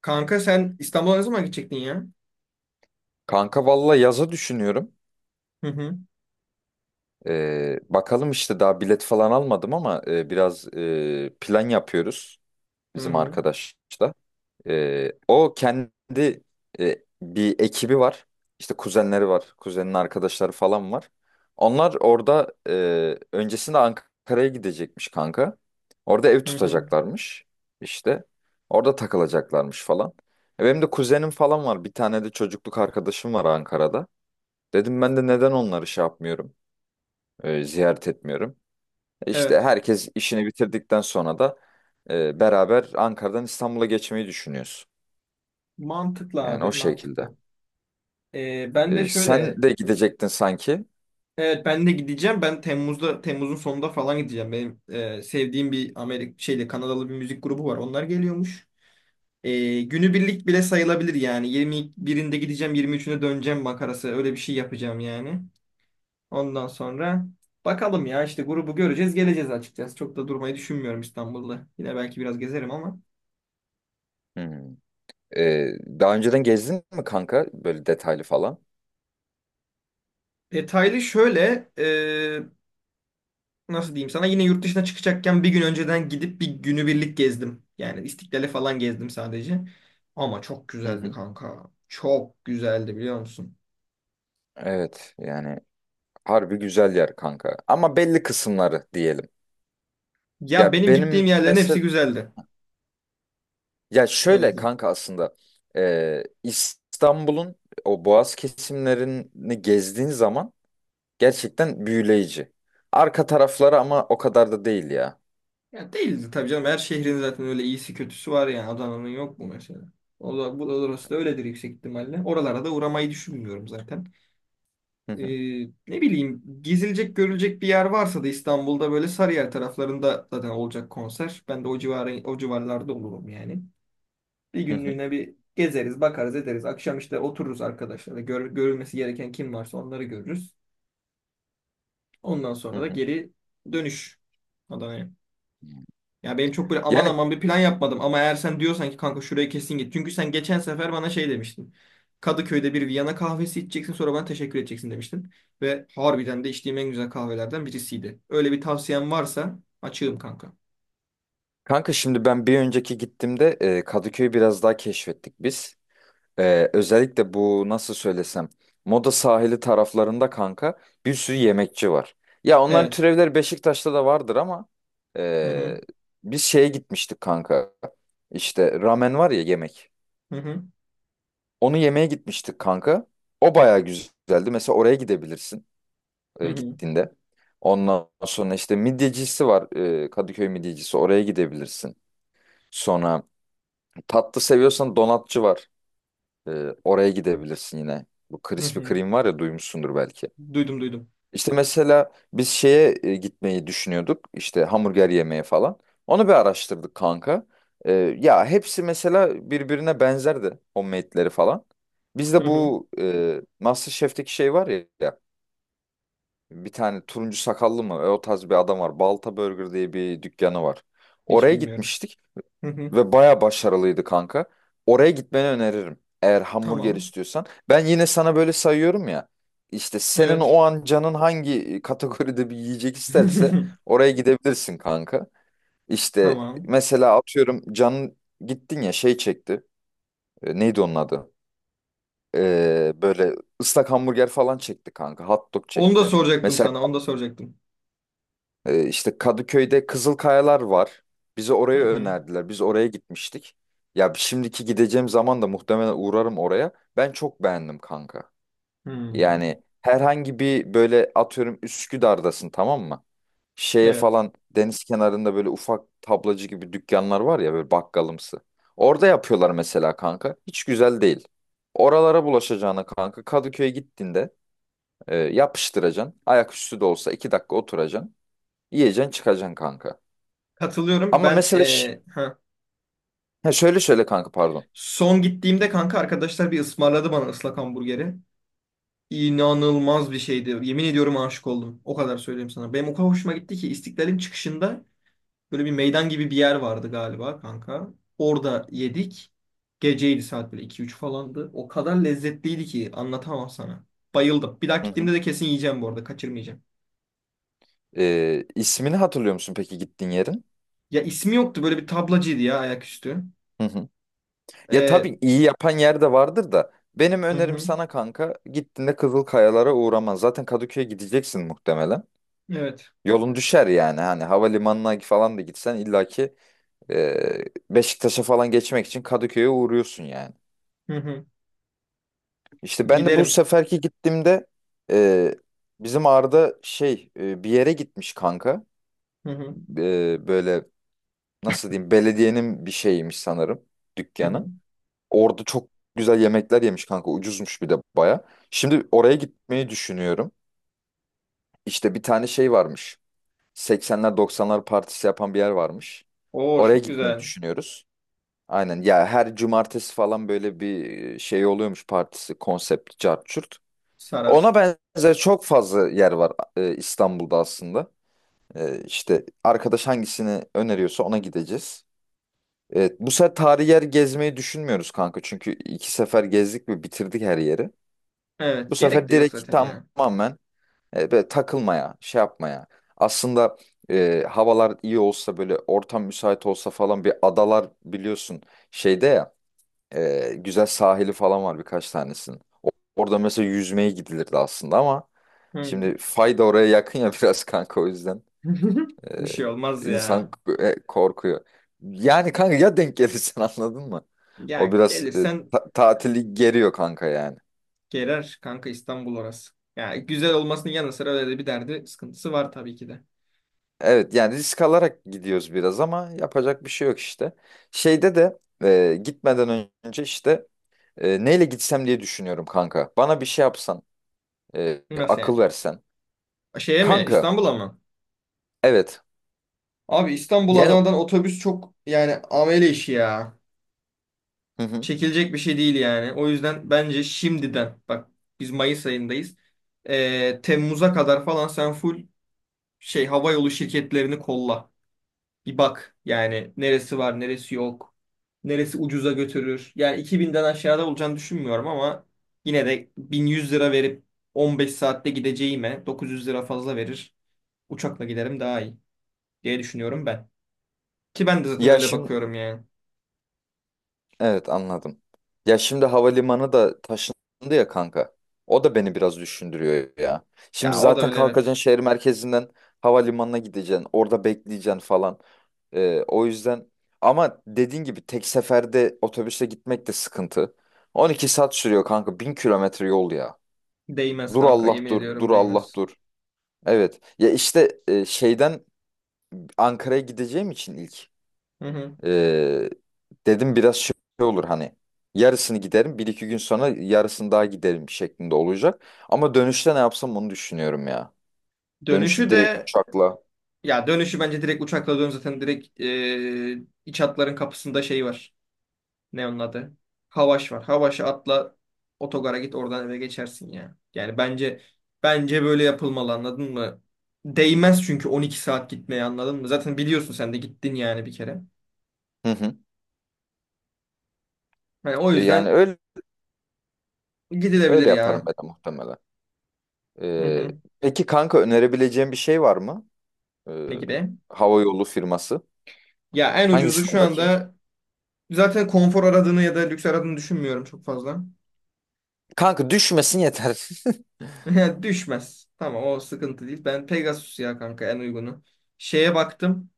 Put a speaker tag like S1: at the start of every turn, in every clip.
S1: Kanka sen İstanbul'a ne zaman gidecektin ya?
S2: Kanka valla yaza düşünüyorum.
S1: Hı hı.
S2: Bakalım işte daha bilet falan almadım ama biraz plan yapıyoruz
S1: Hı
S2: bizim
S1: hı.
S2: arkadaşla. O kendi bir ekibi var. İşte kuzenleri var. Kuzenin arkadaşları falan var. Onlar orada öncesinde Ankara'ya gidecekmiş kanka. Orada ev
S1: Hı hı.
S2: tutacaklarmış işte. Orada takılacaklarmış falan. Benim de kuzenim falan var. Bir tane de çocukluk arkadaşım var Ankara'da. Dedim ben de neden onları şey yapmıyorum, ziyaret etmiyorum. İşte
S1: Evet.
S2: herkes işini bitirdikten sonra da beraber Ankara'dan İstanbul'a geçmeyi düşünüyoruz.
S1: Mantıklı
S2: Yani
S1: abi,
S2: o şekilde.
S1: mantıklı. Ee, ben de şöyle,
S2: Sen de gidecektin sanki.
S1: evet, ben de gideceğim. Ben Temmuz'da, Temmuz'un sonunda falan gideceğim. Benim sevdiğim bir Amerik şeyde Kanadalı bir müzik grubu var. Onlar geliyormuş. Günübirlik bile sayılabilir yani. 21'inde gideceğim, 23'üne döneceğim makarası. Öyle bir şey yapacağım yani. Ondan sonra bakalım ya işte grubu göreceğiz, geleceğiz açıkçası. Çok da durmayı düşünmüyorum İstanbul'da. Yine belki biraz gezerim ama.
S2: Hmm. E, daha önceden gezdin mi kanka böyle detaylı falan?
S1: Detaylı şöyle, nasıl diyeyim sana yine yurt dışına çıkacakken bir gün önceden gidip bir günübirlik gezdim. Yani İstiklal'e falan gezdim sadece. Ama çok
S2: Hı
S1: güzeldi
S2: hı.
S1: kanka. Çok güzeldi biliyor musun?
S2: Evet yani harbi güzel yer kanka. Ama belli kısımları diyelim. Ya
S1: Ya benim gittiğim
S2: benim
S1: yerlerin hepsi
S2: mesela
S1: güzeldi.
S2: ya
S1: Öyle
S2: şöyle
S1: diyeyim.
S2: kanka aslında İstanbul'un o Boğaz kesimlerini gezdiğin zaman gerçekten büyüleyici. Arka tarafları ama o kadar da değil ya.
S1: Ya değildi tabii canım. Her şehrin zaten öyle iyisi kötüsü var yani. Adana'nın yok mu mesela? O da, bu da orası da öyledir yüksek ihtimalle. Oralara da uğramayı düşünmüyorum zaten.
S2: Hı
S1: e,
S2: hı,
S1: Ne bileyim gezilecek görülecek bir yer varsa da İstanbul'da böyle Sarıyer taraflarında zaten olacak konser. Ben de o civarı, o civarlarda olurum yani. Bir
S2: hı hı,
S1: günlüğüne bir gezeriz, bakarız, ederiz. Akşam işte otururuz arkadaşlarla. Görülmesi gereken kim varsa onları görürüz. Ondan
S2: hı
S1: sonra da
S2: hı.
S1: geri dönüş Adana'ya. Ya benim çok böyle aman
S2: Yani
S1: aman bir plan yapmadım ama eğer sen diyorsan ki kanka şurayı kesin git. Çünkü sen geçen sefer bana şey demiştin. Kadıköy'de bir Viyana kahvesi içeceksin sonra bana teşekkür edeceksin demiştin. Ve harbiden de içtiğim en güzel kahvelerden birisiydi. Öyle bir tavsiyen varsa açığım kanka.
S2: kanka şimdi ben bir önceki gittiğimde Kadıköy'ü biraz daha keşfettik biz. Özellikle bu nasıl söylesem Moda sahili taraflarında kanka bir sürü yemekçi var. Ya onların
S1: Evet.
S2: türevleri Beşiktaş'ta da vardır ama
S1: Hı hı.
S2: ee, biz şeye gitmiştik kanka. İşte ramen var ya yemek.
S1: Hı hı.
S2: Onu yemeye gitmiştik kanka. O bayağı güzeldi. Mesela oraya gidebilirsin
S1: Hı hı.
S2: gittiğinde. Ondan sonra işte midyecisi var. Kadıköy midyecisi. Oraya gidebilirsin. Sonra tatlı seviyorsan donatçı var. Oraya gidebilirsin yine. Bu
S1: Hı
S2: Krispy
S1: hı.
S2: Kreme var ya duymuşsundur belki.
S1: Duydum duydum.
S2: İşte mesela biz şeye gitmeyi düşünüyorduk. İşte hamburger yemeye falan. Onu bir araştırdık kanka. Ee, ya hepsi mesela birbirine benzerdi. Homemade'leri falan. Biz de
S1: Hı hı.
S2: bu MasterChef'teki şey var ya. Ya, bir tane turuncu sakallı mı? O tarz bir adam var. Balta Burger diye bir dükkanı var.
S1: Hiç
S2: Oraya
S1: bilmiyorum.
S2: gitmiştik.
S1: Hı hı.
S2: Ve baya başarılıydı kanka. Oraya gitmeni öneririm. Eğer hamburger
S1: Tamam.
S2: istiyorsan. Ben yine sana böyle sayıyorum ya. İşte senin
S1: Evet.
S2: o an canın hangi kategoride bir yiyecek isterse oraya gidebilirsin kanka. İşte
S1: Tamam.
S2: mesela atıyorum canın gittin ya şey çekti. Neydi onun adı? Böyle ıslak hamburger falan çekti kanka. Hot dog
S1: Onu da
S2: çekti.
S1: soracaktım
S2: Mesela
S1: sana. Onu da soracaktım.
S2: İşte Kadıköy'de Kızılkayalar var. Bizi
S1: Hı
S2: oraya
S1: hı.
S2: önerdiler. Biz oraya gitmiştik. Ya şimdiki gideceğim zaman da muhtemelen uğrarım oraya. Ben çok beğendim kanka.
S1: Hmm.
S2: Yani herhangi bir böyle atıyorum Üsküdar'dasın, tamam mı? Şeye
S1: Evet.
S2: falan deniz kenarında böyle ufak tablacı gibi dükkanlar var ya böyle bakkalımsı. Orada yapıyorlar mesela kanka. Hiç güzel değil. Oralara bulaşacağına kanka Kadıköy'e gittiğinde yapıştıracaksın. Ayaküstü de olsa 2 dakika oturacaksın. Yiyeceksin çıkacaksın kanka.
S1: Katılıyorum.
S2: Ama mesela ha, şöyle şöyle kanka pardon.
S1: Son gittiğimde kanka arkadaşlar bir ısmarladı bana ıslak hamburgeri. İnanılmaz bir şeydi. Yemin ediyorum aşık oldum. O kadar söyleyeyim sana. Benim o kadar hoşuma gitti ki İstiklal'in çıkışında böyle bir meydan gibi bir yer vardı galiba kanka. Orada yedik. Geceydi saat böyle iki üç falandı. O kadar lezzetliydi ki anlatamam sana. Bayıldım. Bir daha
S2: Hı hı.
S1: gittiğimde de kesin yiyeceğim bu arada. Kaçırmayacağım.
S2: İsmini hatırlıyor musun peki gittiğin yerin?
S1: Ya ismi yoktu. Böyle bir tablacıydı ya ayaküstü.
S2: Hı hı. Ya
S1: Ee,
S2: tabii iyi yapan yer de vardır da benim
S1: hı
S2: önerim
S1: hı.
S2: sana kanka gittiğinde Kızılkayalara uğraman. Zaten Kadıköy'e gideceksin muhtemelen.
S1: Evet.
S2: Yolun düşer yani hani havalimanına falan da gitsen illaki e, Beşiktaş'a falan geçmek için Kadıköy'e uğruyorsun yani.
S1: Hı hı.
S2: İşte ben de bu
S1: Giderim.
S2: seferki gittiğimde e, bizim Arda şey bir yere gitmiş kanka.
S1: Hı hı.
S2: Böyle nasıl diyeyim belediyenin bir şeyiymiş sanırım
S1: Hı hı.
S2: dükkanı. Orada çok güzel yemekler yemiş kanka, ucuzmuş bir de baya. Şimdi oraya gitmeyi düşünüyorum. İşte bir tane şey varmış. 80'ler 90'lar partisi yapan bir yer varmış.
S1: Oo
S2: Oraya
S1: çok
S2: gitmeyi
S1: güzel.
S2: düşünüyoruz. Aynen ya, her cumartesi falan böyle bir şey oluyormuş, partisi, konsept, cart curt. Ona
S1: Sarar.
S2: benzer çok fazla yer var İstanbul'da aslında. İşte arkadaş hangisini öneriyorsa ona gideceğiz. Evet, bu sefer tarihi yer gezmeyi düşünmüyoruz kanka. Çünkü iki sefer gezdik ve bitirdik her yeri. Bu
S1: Evet. Gerek
S2: sefer
S1: de yok
S2: direkt
S1: zaten ya.
S2: tamamen böyle takılmaya, şey yapmaya. Aslında havalar iyi olsa böyle, ortam müsait olsa falan bir adalar biliyorsun şeyde ya, güzel sahili falan var birkaç tanesinin. Orada mesela yüzmeye gidilirdi aslında ama
S1: Hı.
S2: şimdi fayda oraya yakın ya biraz kanka, o yüzden.
S1: Bir
S2: Ee,
S1: şey olmaz
S2: insan
S1: ya.
S2: korkuyor. Yani kanka ya denk gelirsen anladın mı? O
S1: Ya
S2: biraz
S1: gelirsen
S2: tatili geriyor kanka yani.
S1: gelir kanka İstanbul orası. Ya güzel olmasının yanı sıra öyle de bir derdi sıkıntısı var tabii ki de.
S2: Evet yani risk alarak gidiyoruz biraz ama yapacak bir şey yok işte. Şeyde de gitmeden önce işte neyle gitsem diye düşünüyorum kanka. Bana bir şey yapsan,
S1: Nasıl
S2: akıl
S1: yani?
S2: versen.
S1: Şeye mi?
S2: Kanka
S1: İstanbul'a mı?
S2: evet,
S1: Abi İstanbul
S2: yani
S1: Adana'dan otobüs çok yani amele işi ya.
S2: hı hı.
S1: Çekilecek bir şey değil yani. O yüzden bence şimdiden bak biz Mayıs ayındayız. Temmuz'a kadar falan sen full şey hava yolu şirketlerini kolla. Bir bak yani neresi var neresi yok. Neresi ucuza götürür. Yani 2000'den aşağıda olacağını düşünmüyorum ama yine de 1100 lira verip 15 saatte gideceğime 900 lira fazla verir. Uçakla giderim daha iyi diye düşünüyorum ben. Ki ben de zaten
S2: Ya
S1: öyle
S2: şimdi
S1: bakıyorum yani.
S2: evet, anladım. Ya şimdi havalimanı da taşındı ya kanka. O da beni biraz düşündürüyor ya. Şimdi
S1: Ya o da
S2: zaten
S1: öyle evet.
S2: kalkacaksın şehir merkezinden havalimanına gideceksin. Orada bekleyeceksin falan. O yüzden ama dediğin gibi tek seferde otobüse gitmek de sıkıntı. 12 saat sürüyor kanka. 1000 kilometre yol ya.
S1: Değmez
S2: Dur
S1: kanka
S2: Allah
S1: yemin
S2: dur. Dur
S1: ediyorum
S2: Allah
S1: değmez.
S2: dur. Evet. Ya işte şeyden Ankara'ya gideceğim için ilk.
S1: Hı hı.
S2: Ee, dedim biraz şey olur hani, yarısını giderim bir iki gün sonra, yarısını daha giderim şeklinde olacak. Ama dönüşte ne yapsam onu düşünüyorum ya. Dönüşte
S1: Dönüşü
S2: direkt
S1: de
S2: uçakla.
S1: ya dönüşü bence direkt uçakla dön zaten direkt iç hatların kapısında şey var. Ne onun adı? Havaş var. Havaş'a atla otogara git oradan eve geçersin ya. Yani bence böyle yapılmalı anladın mı? Değmez çünkü 12 saat gitmeye anladın mı? Zaten biliyorsun sen de gittin yani bir kere.
S2: Hı hı.
S1: Yani o
S2: Yani
S1: yüzden
S2: öyle
S1: gidilebilir
S2: öyle yaparım
S1: ya.
S2: ben de muhtemelen.
S1: Hı
S2: Ee,
S1: hı.
S2: peki kanka, önerebileceğim bir şey var mı? Ee,
S1: Ne gibi?
S2: hava yolu firması.
S1: Ya en ucuzu
S2: Hangisine
S1: şu
S2: bakayım?
S1: anda zaten konfor aradığını ya da lüks aradığını düşünmüyorum çok fazla.
S2: Kanka düşmesin yeter.
S1: Düşmez. Tamam o sıkıntı değil. Ben Pegasus ya kanka en uygunu. Şeye baktım.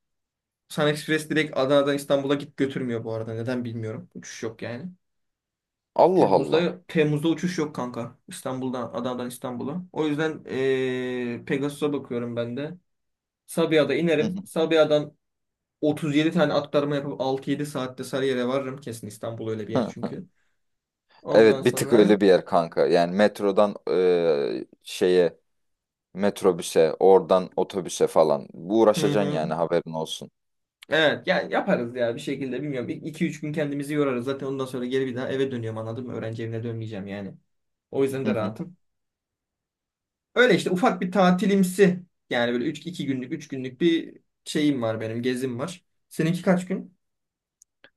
S1: Sun Express direkt Adana'dan İstanbul'a git götürmüyor bu arada. Neden bilmiyorum. Uçuş yok yani.
S2: Allah Allah.
S1: Temmuz'da uçuş yok kanka. İstanbul'dan Adana'dan İstanbul'a. O yüzden Pegasus'a bakıyorum ben de. Sabiha'da
S2: Hı
S1: inerim. Sabiha'dan 37 tane aktarma yapıp 6-7 saatte Sarıyer'e varırım. Kesin İstanbul öyle bir yer
S2: hı.
S1: çünkü. Ondan
S2: Evet, bir tık
S1: sonra
S2: öyle bir yer kanka. Yani metrodan şeye metrobüse, oradan otobüse falan. Bu
S1: hı
S2: uğraşacaksın
S1: hı.
S2: yani, haberin olsun.
S1: Evet ya yaparız ya bir şekilde bilmiyorum. İki üç gün kendimizi yorarız. Zaten ondan sonra geri bir daha eve dönüyorum anladın mı? Öğrenci evine dönmeyeceğim yani. O yüzden
S2: Hı
S1: de
S2: hı.
S1: rahatım. Öyle işte ufak bir tatilimsi yani böyle 3 2 günlük 3 günlük bir şeyim var benim gezim var. Seninki kaç gün?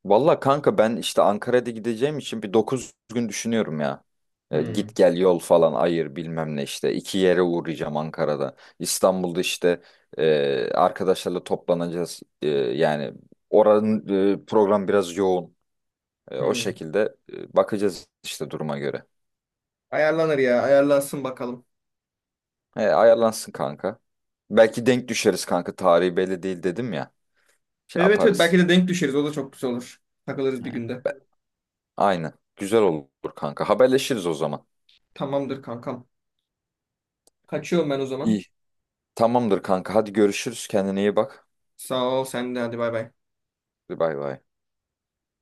S2: Valla kanka ben işte Ankara'da gideceğim için bir 9 gün düşünüyorum ya.
S1: Hmm.
S2: Git gel yol falan ayır bilmem ne işte. İki yere uğrayacağım Ankara'da. İstanbul'da işte arkadaşlarla toplanacağız. Yani oranın program biraz yoğun. O
S1: Hmm.
S2: şekilde bakacağız işte duruma göre.
S1: Ayarlanır ya ayarlansın bakalım.
S2: Ayarlansın kanka. Belki denk düşeriz kanka. Tarihi belli değil dedim ya. Şey
S1: Evet evet
S2: yaparız.
S1: belki de denk düşeriz o da çok güzel olur. Takılırız
S2: He.
S1: bir günde.
S2: Aynen. Güzel olur kanka. Haberleşiriz o zaman.
S1: Tamamdır kankam. Kaçıyorum ben o zaman.
S2: İyi. Tamamdır kanka. Hadi görüşürüz. Kendine iyi bak.
S1: Sağ ol sen de hadi bay bay.
S2: Hadi bay bay.